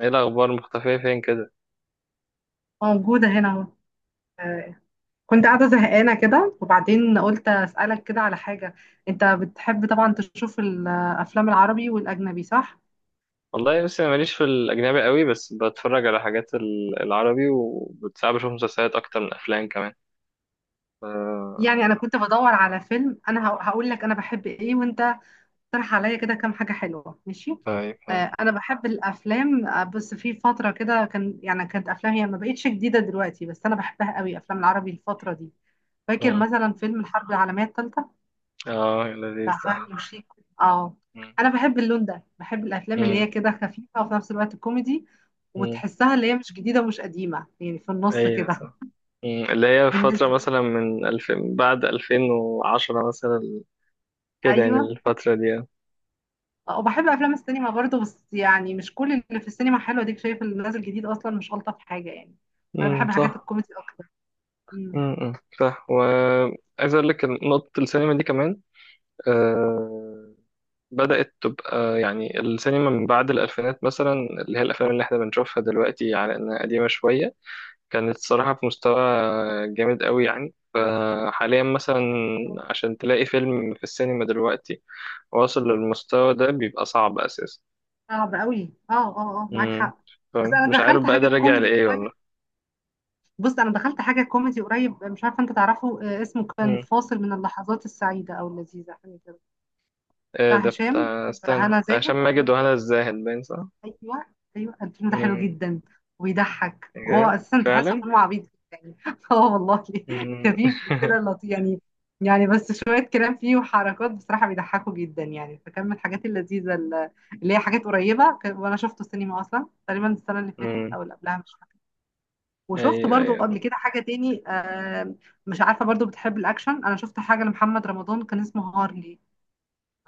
ايه الاخبار مختفيه فين كده. موجودة هنا اهو. آه، كنت قاعدة زهقانة كده، وبعدين قلت أسألك كده على حاجة. أنت بتحب طبعا تشوف الأفلام العربي والأجنبي صح؟ والله بس انا ماليش في الاجنبي قوي، بس بتفرج على حاجات العربي، وبتساعد بشوف مسلسلات اكتر من افلام كمان. ف يعني أنا كنت بدور على فيلم، أنا هقول لك أنا بحب إيه، وأنت اقترح عليا كده كام حاجة حلوة ماشي؟ طيب ف... أنا بحب الأفلام، بس في فترة كده كان يعني كانت أفلام هي ما بقتش جديدة دلوقتي، بس أنا بحبها قوي أفلام العربي الفترة دي. فاكر مم. مثلا فيلم الحرب العالمية الثالثة اه بتاع لذيذ، ده حلو. فهمي وشيك. اه مم. انا بحب اللون ده، بحب الافلام اللي مم. هي كده خفيفه وفي نفس الوقت كوميدي، مم. وتحسها اللي هي مش جديده ومش قديمه يعني في النص ايوه كده. صح. اللي هي فترة بالنسبه مثلا من 2000، بعد 2010 مثلا، كده يعني ايوه. الفترة دي. وبحب افلام السينما برضو، بس يعني مش كل اللي في السينما حلو، اديك شايف اللي نازل جديد اصلا مش الطف حاجه يعني. انا بحب حاجات صح. الكوميدي اكتر. مم. امم صح. وعايز أقول لك إن نقطة السينما دي كمان، آه، بدأت تبقى يعني السينما من بعد الألفينات مثلا، اللي هي الأفلام اللي احنا بنشوفها دلوقتي على إنها قديمة شوية، كانت صراحة في مستوى جامد قوي. يعني فحاليا مثلا عشان تلاقي فيلم في السينما دلوقتي واصل للمستوى ده بيبقى صعب أساسا. صعب قوي، اه اه اه معاك مم. حق. بس انا فمش عارف دخلت بقى ده حاجه راجع كوميدي لإيه قريب. والله. بص انا دخلت حاجه كوميدي قريب، مش عارفه انت تعرفه، اسمه كان مم. فاصل من اللحظات السعيده او اللذيذه حاجه كده. إيه بتاع ده هشام، بتاع، استنى، هنا بتاع زاهد. هشام ماجد وهنا الزاهد باين صح؟ ايوه. ايوه الفيلم ده حلو مم. جدا وبيضحك، وهو إيه؟ ده؟ اساسا تحسه فعلا؟ فيلم عبيط جدا يعني اه والله. مم. خفيف وكده لطيف يعني. يعني بس شويه كلام فيه وحركات بصراحه بيضحكوا جدا يعني، فكان من الحاجات اللذيذه اللي هي حاجات قريبه وانا شفته السينما اصلا تقريبا السنه اللي فاتت مم. او اللي قبلها مش فاكره. وشفت أيوه برضو قبل أيوه. كده حاجه تاني، مش عارفه برضو بتحب الاكشن، انا شفت حاجه لمحمد رمضان كان اسمه هارلي.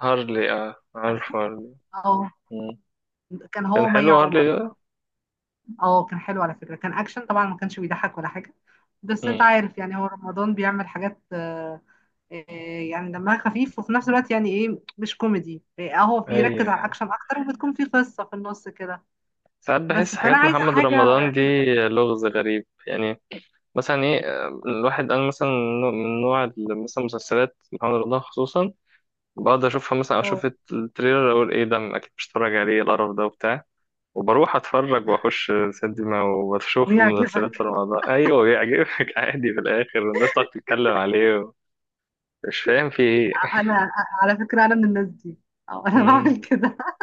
هارلي، اه عارف عارفه هارلي. اه. مم. كان هو كان ومي حلو هارلي عمر. ده. اه كان حلو على فكرة، كان اكشن طبعا ما كانش بيضحك ولا حاجة، بس انت مم. عارف يعني هو رمضان بيعمل حاجات آه، يعني دمها خفيف وفي نفس الوقت يعني ايه مش كوميدي، هو بيركز على ايوه. الاكشن اكتر وبتكون في قصة في النص كده. ساعات بس بحس فانا حاجات عايزة محمد رمضان حاجة دي كده. لغز غريب يعني. مثلا ايه، الواحد انا مثلا، من نوع مثلا مسلسلات محمد رمضان خصوصا، بقعد اشوفها، مثلا اه اشوف التريلر اقول ايه ده، اكيد مش هتفرج عليه القرف ده وبتاع، وبروح اتفرج واخش سينما وبشوف ويعجبك. مسلسلات في رمضان. ايوه بيعجبك، عادي في الاخر، والناس تقعد تتكلم عليه، مش فاهم في ايه. انا على فكرة انا من الناس دي. اه انا مم. بعمل كده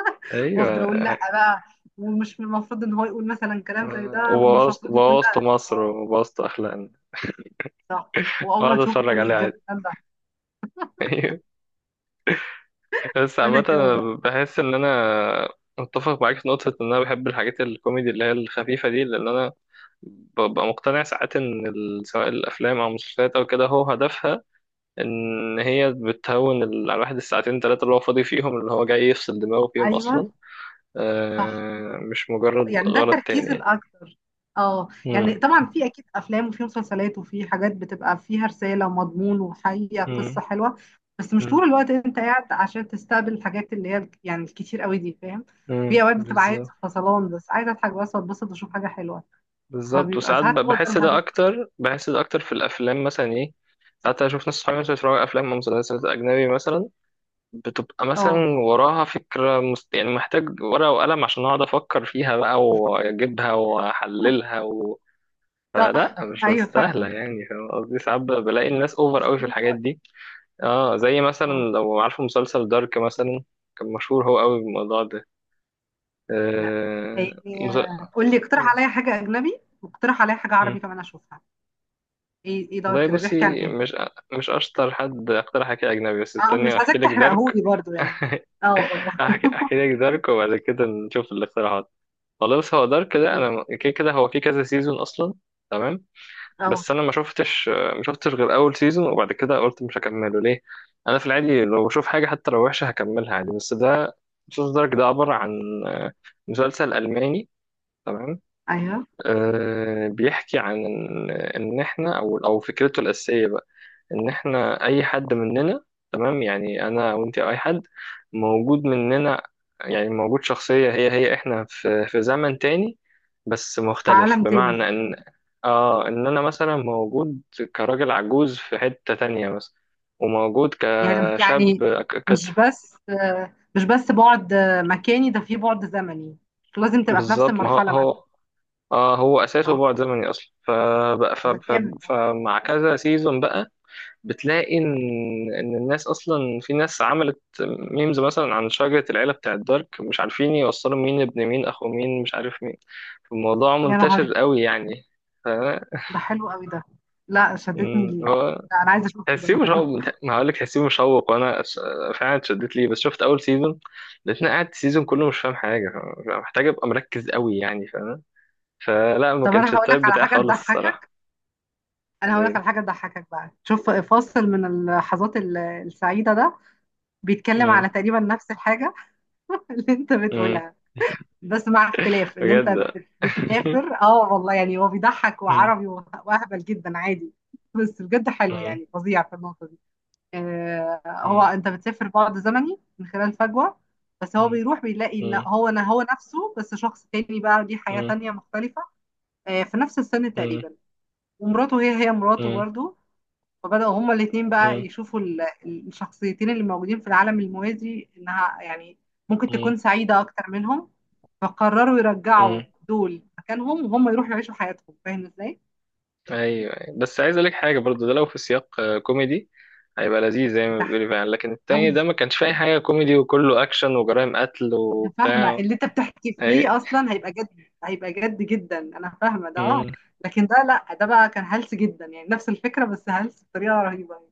وافضل ايوه. اقول لا بقى، ومش من المفروض ان هو يقول مثلا كلام زي ده، ومش وبوظت، المفروض يكون وبوظت ده مصر اه. وبوظت أخلاقنا، صح. واول ما وأقعد تشوفه أتفرج تقول ايه عليه عادي. الجمال ده. أيوة. بس وانا عامة كمان أنا بقى. بحس إن أنا متفق معاك في نقطة، إن أنا بحب الحاجات الكوميدي اللي هي الخفيفة دي، لأن أنا ببقى مقتنع ساعات إن سواء الأفلام أو المسلسلات أو كده هو هدفها إن هي بتهون على الواحد الساعتين تلاتة اللي هو فاضي فيهم، اللي هو جاي يفصل دماغه فيهم ايوه أصلا، صح، مش مجرد يعني ده غرض تاني التركيز يعني. الاكتر. اه مم. يعني طبعا في اكيد افلام وفي مسلسلات وفي حاجات بتبقى فيها رساله ومضمون وحقيقه قصه مم. حلوه، بس مش مم. طول الوقت انت قاعد عشان تستقبل الحاجات اللي هي يعني الكتير قوي دي فاهم. في اوقات بتبقى عايز بالظبط. فصلان، بس عايز اضحك بس واتبسط واشوف حاجه حلوه، بالظبط، فبيبقى وساعات ساعات هو ده بحس ده الهدف. اكتر، بحس ده اكتر في الافلام مثلا، ايه، ساعات اشوف ناس صحابي مثلا بيتفرجوا على افلام ومسلسلات اجنبي مثلا، بتبقى مثلا اه وراها فكره يعني محتاج ورقه وقلم عشان اقعد افكر فيها بقى واجيبها واحللها فلا صح مش ايوه فعلا، مستاهله يعني، فاهم قصدي؟ ساعات بلاقي الناس اوفر مش قوي في طول الحاجات الوقت. دي. اه، زي مثلا اه لو عارفه مسلسل دارك مثلا، كان مشهور هو قوي بالموضوع ده. لا آه... يعني، قول لي اقترح عليا حاجه اجنبي، واقترح عليا حاجه مس... عربي كمان اشوفها. ايه ايه دور والله كده بيحكي عن بصي، ايه؟ مش اشطر حد اقترح حكي اجنبي، بس اه مش استني احكي عايزاك لك دارك. تحرقهولي برضو يعني. اه اه احكي، احكي لك دارك وبعد كده نشوف الاقتراحات. خلاص، هو دارك ده اه انا كده كده هو في كذا سيزون اصلا، تمام، آه، بس انا ما شفتش غير اول سيزون، وبعد كده قلت مش هكمله ليه؟ انا في العادي لو بشوف حاجه حتى لو وحشه هكملها عادي، بس ده مسلسل دارك ده عباره عن مسلسل الماني، تمام؟ ايوه. أه بيحكي عن ان، إن احنا او فكرته الاساسيه ان احنا اي حد مننا، تمام، يعني انا وانت أو اي حد موجود مننا، يعني موجود شخصية هي هي احنا في زمن تاني، بس في مختلف، عالم تاني ده. بمعنى ان، اه ان انا مثلا موجود كراجل عجوز في حتة تانية مثلا، وموجود يعني كشاب، يعني ك- كت مش بس مش بس بعد مكاني ده في بعد زمني، مش لازم تبقى في نفس بالظبط. ما هو المرحلة مثلا. هو، اه هو اه اساسه بعد زمني اصلا، فبقى- ف ده ف جامد ده. فمع كذا سيزون بقى بتلاقي ان الناس اصلا، في ناس عملت ميمز مثلا عن شجرة العيلة بتاعت دارك، مش عارفين يوصلوا مين ابن مين، اخو مين، مش عارف مين. الموضوع يا منتشر نهاري، قوي يعني. ف ده حلو قوي ده. لا شدتني ليه، هو لا انا عايزه اشوفه تحسيه ده مشوق. ما هقول لك تحسيه مشوق، وانا فعلا اتشدت ليه، بس شفت اول سيزون لقيتني قاعد السيزون كله مش فاهم حاجة، محتاج ابقى مركز قوي يعني، فاهم؟ فلا، ما طب انا كانش هقول لك التايب على بتاعي حاجه خالص الصراحة. تضحكك. انا هقول لك ليه؟ على حاجه تضحكك بقى، شوف فاصل من اللحظات السعيده ده بيتكلم مم، على تقريبا نفس الحاجه اللي انت مم، بتقولها، بس مع اختلاف ان انت بجد. بتسافر اه والله، يعني هو بيضحك مم، وعربي واهبل جدا عادي، بس بجد حلو مم، يعني فظيع في النقطه دي. آه هو انت بتسافر بعد زمني من خلال فجوه، بس هو مم. بيروح بيلاقي ان مم. هو انا هو نفسه بس شخص تاني بقى ليه حياه مم. تانيه مختلفه، آه في نفس السن مم. تقريبا، ومراته هي هي مراته مم. برضو، فبدأوا هما الاتنين بقى مم. يشوفوا الشخصيتين اللي موجودين في العالم الموازي إنها يعني ممكن مم. تكون سعيدة أكتر منهم، فقرروا يرجعوا مم. دول مكانهم وهم يروحوا يعيشوا حياتهم فاهم ازاي؟ ايوه أيوة. بس عايز اقول لك حاجه برضو، ده لو في سياق كوميدي هيبقى لذيذ زي ما بيضحك بتقولي فعلا، لكن التاني أوي. ده ما كانش فيه اي حاجه كوميدي، وكله اكشن وجرائم قتل أنا فاهمة وبتاع. اللي أنت بتحكي فيه اي. أصلا هيبقى جد، هيبقى جد جدا، أنا فاهمة ده أه. مم. لكن ده لأ، ده بقى كان هلس جدا، يعني نفس الفكرة بس هلس بطريقة رهيبة.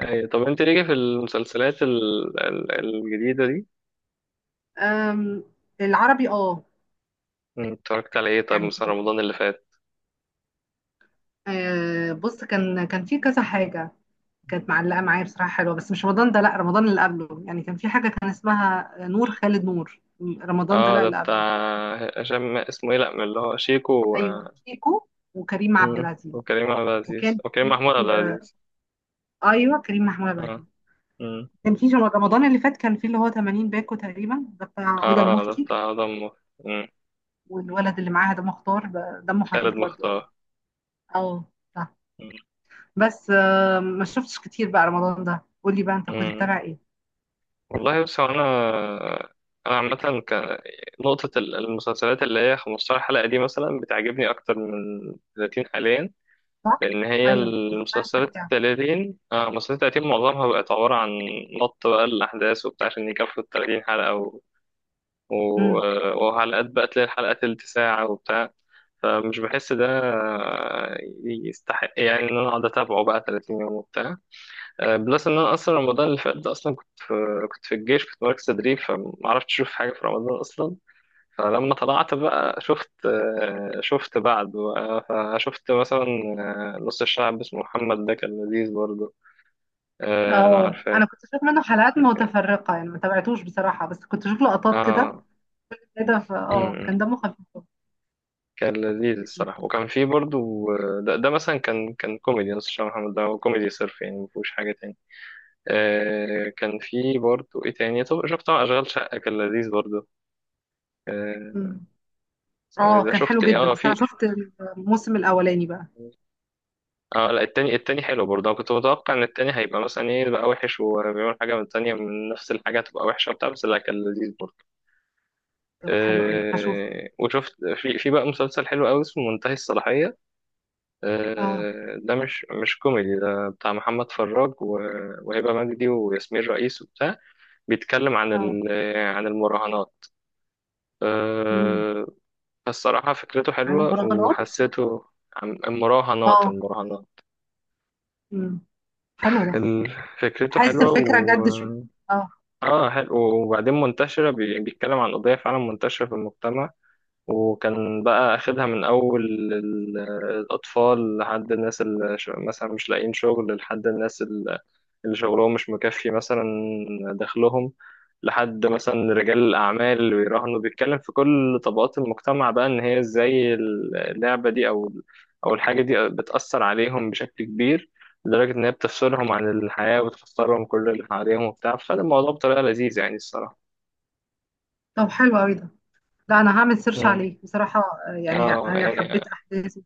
اي، طب انت ليه في المسلسلات الجديده دي أم. العربي أه. اتفرجت على ايه؟ طب يعني مثلا رمضان اللي فات. بص كان في كذا حاجة كانت مم. معلقة معايا بصراحة حلوة، بس مش رمضان ده، لا رمضان اللي قبله، يعني كان في حاجة كان اسمها نور خالد، نور رمضان ده اه لا ده اللي بتاع قبله. هشام، اسمه ايه، لا، من اللي هو شيكو أيوه شيكو وكريم عبد مم. العزيز. وكريم عبد العزيز، وكان وكريم في محمود عبد العزيز. أيوه كريم محمود عبد العزيز. اه. كان في رمضان اللي فات كان في اللي هو 80 باكو تقريبا ده بتاع هدى اه ده المفتي، بتاع آدم مم. والولد اللي معاها ده مختار ده دمه خالد خفيف برضه قوي. مختار. اه صح. مم. بس ما شفتش كتير بقى رمضان ده، قول لي بقى انت كنت مم. بتتابع ايه. والله بس هو انا، انا عامة كان نقطة المسلسلات اللي هي 15 حلقة دي مثلا بتعجبني أكتر من 30 حاليا، صح لأن هي ايوه، بتتابع المسلسلات ال سريع. 30، آه مسلسلات 30 معظمها بقت عبارة عن نط بقى الأحداث وبتاع عشان يكفوا ال 30 حلقة و... امم. وحلقات بقى تلاقي الحلقة تلت ساعة وبتاع، فمش بحس ده يستحق يعني إن أنا أقعد أتابعه بقى 30 يوم وبتاع. بلس ان انا اصلا رمضان اللي فات ده اصلا كنت في الجيش، كنت مركز تدريب، فما عرفتش اشوف حاجه في رمضان اصلا. فلما طلعت بقى شفت، شفت بعد بقى. فشفت مثلا نص الشعب اسمه محمد، ده كان لذيذ برضه، لو اه عارفاه. انا كنت بشوف منه حلقات كان- متفرقه، يعني ما تابعتوش بصراحه، بس كنت بشوف لقطات كده اه. كده، ف اه أمم. كان دمه خفيف. كان لذيذ الصراحه. وكان في برضه، ده مثلا كان، كوميدي. نص الشعب محمد ده هو كوميدي صرف يعني، ما فيهوش حاجه تاني. كان في برضه ايه تاني، طب شفت طبعا اشغال شقه، كان لذيذ برضه. آه، أمم. اه ده كان حلو شفت ايه؟ جدا، اه بس انا في. شفت الموسم الاولاني بقى. اه لا، التاني، التاني حلو برضه، انا كنت متوقع ان التاني هيبقى مثلا ايه بقى وحش، وبيعمل حاجه من التانيه من نفس الحاجه تبقى وحشه وبتاع، بس لا كان لذيذ برضه. طب حلو قوي هشوف. آه وشفت، في بقى مسلسل حلو قوي اسمه منتهي الصلاحيه، اه آه ده مش كوميدي، ده بتاع محمد فراج وهبه مجدي وياسمين رئيس وبتاع. بيتكلم عن اه. عن المراهنات، امم. آه. فالصراحه فكرته عايز حلوه، مراهنات. وحسيته، اه. المراهنات امم. حلو ده. ال- فكرته حاسس حلوة الفكره و، جد شويه. اه. اه حلو، وبعدين منتشرة، بيتكلم عن قضية فعلا منتشرة في المجتمع، وكان بقى أخدها من أول ال- الأطفال، لحد الناس اللي مثلا مش لاقيين شغل، لحد الناس اللي شغلهم مش مكفي مثلا دخلهم، لحد مثلا رجال الأعمال اللي بيراهنوا. بيتكلم في كل طبقات المجتمع بقى إن هي إزاي اللعبة دي أو الحاجة دي بتأثر عليهم بشكل كبير، لدرجة إن هي بتفصلهم عن الحياة وبتخسرهم كل اللي حواليهم وبتاع، فده الموضوع بطريقة لذيذة يعني الصراحة. طب حلو قوي ده. لا انا هعمل سيرش مم. عليه بصراحه. يعني اه يعني، حبيت احداثه،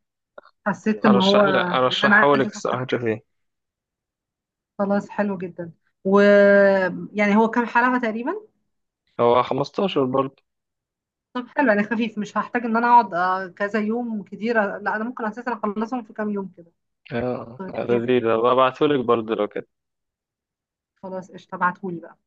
حسيت ان هو أرشح لك، ان انا أرشحه لك عايزه اشوف. الصراحة تشوفيه. خلاص حلو جدا. ويعني هو كام حلقة تقريبا. هو 15 برضه. طب حلو يعني خفيف، مش هحتاج ان انا اقعد كذا يوم كتير، لا انا ممكن اساسا اخلصهم في كام يوم كده. اه طيب جامد. لذيذ، هبقى أبعتهولك برضه لو كده. خلاص قشطة ابعتهولي بقى.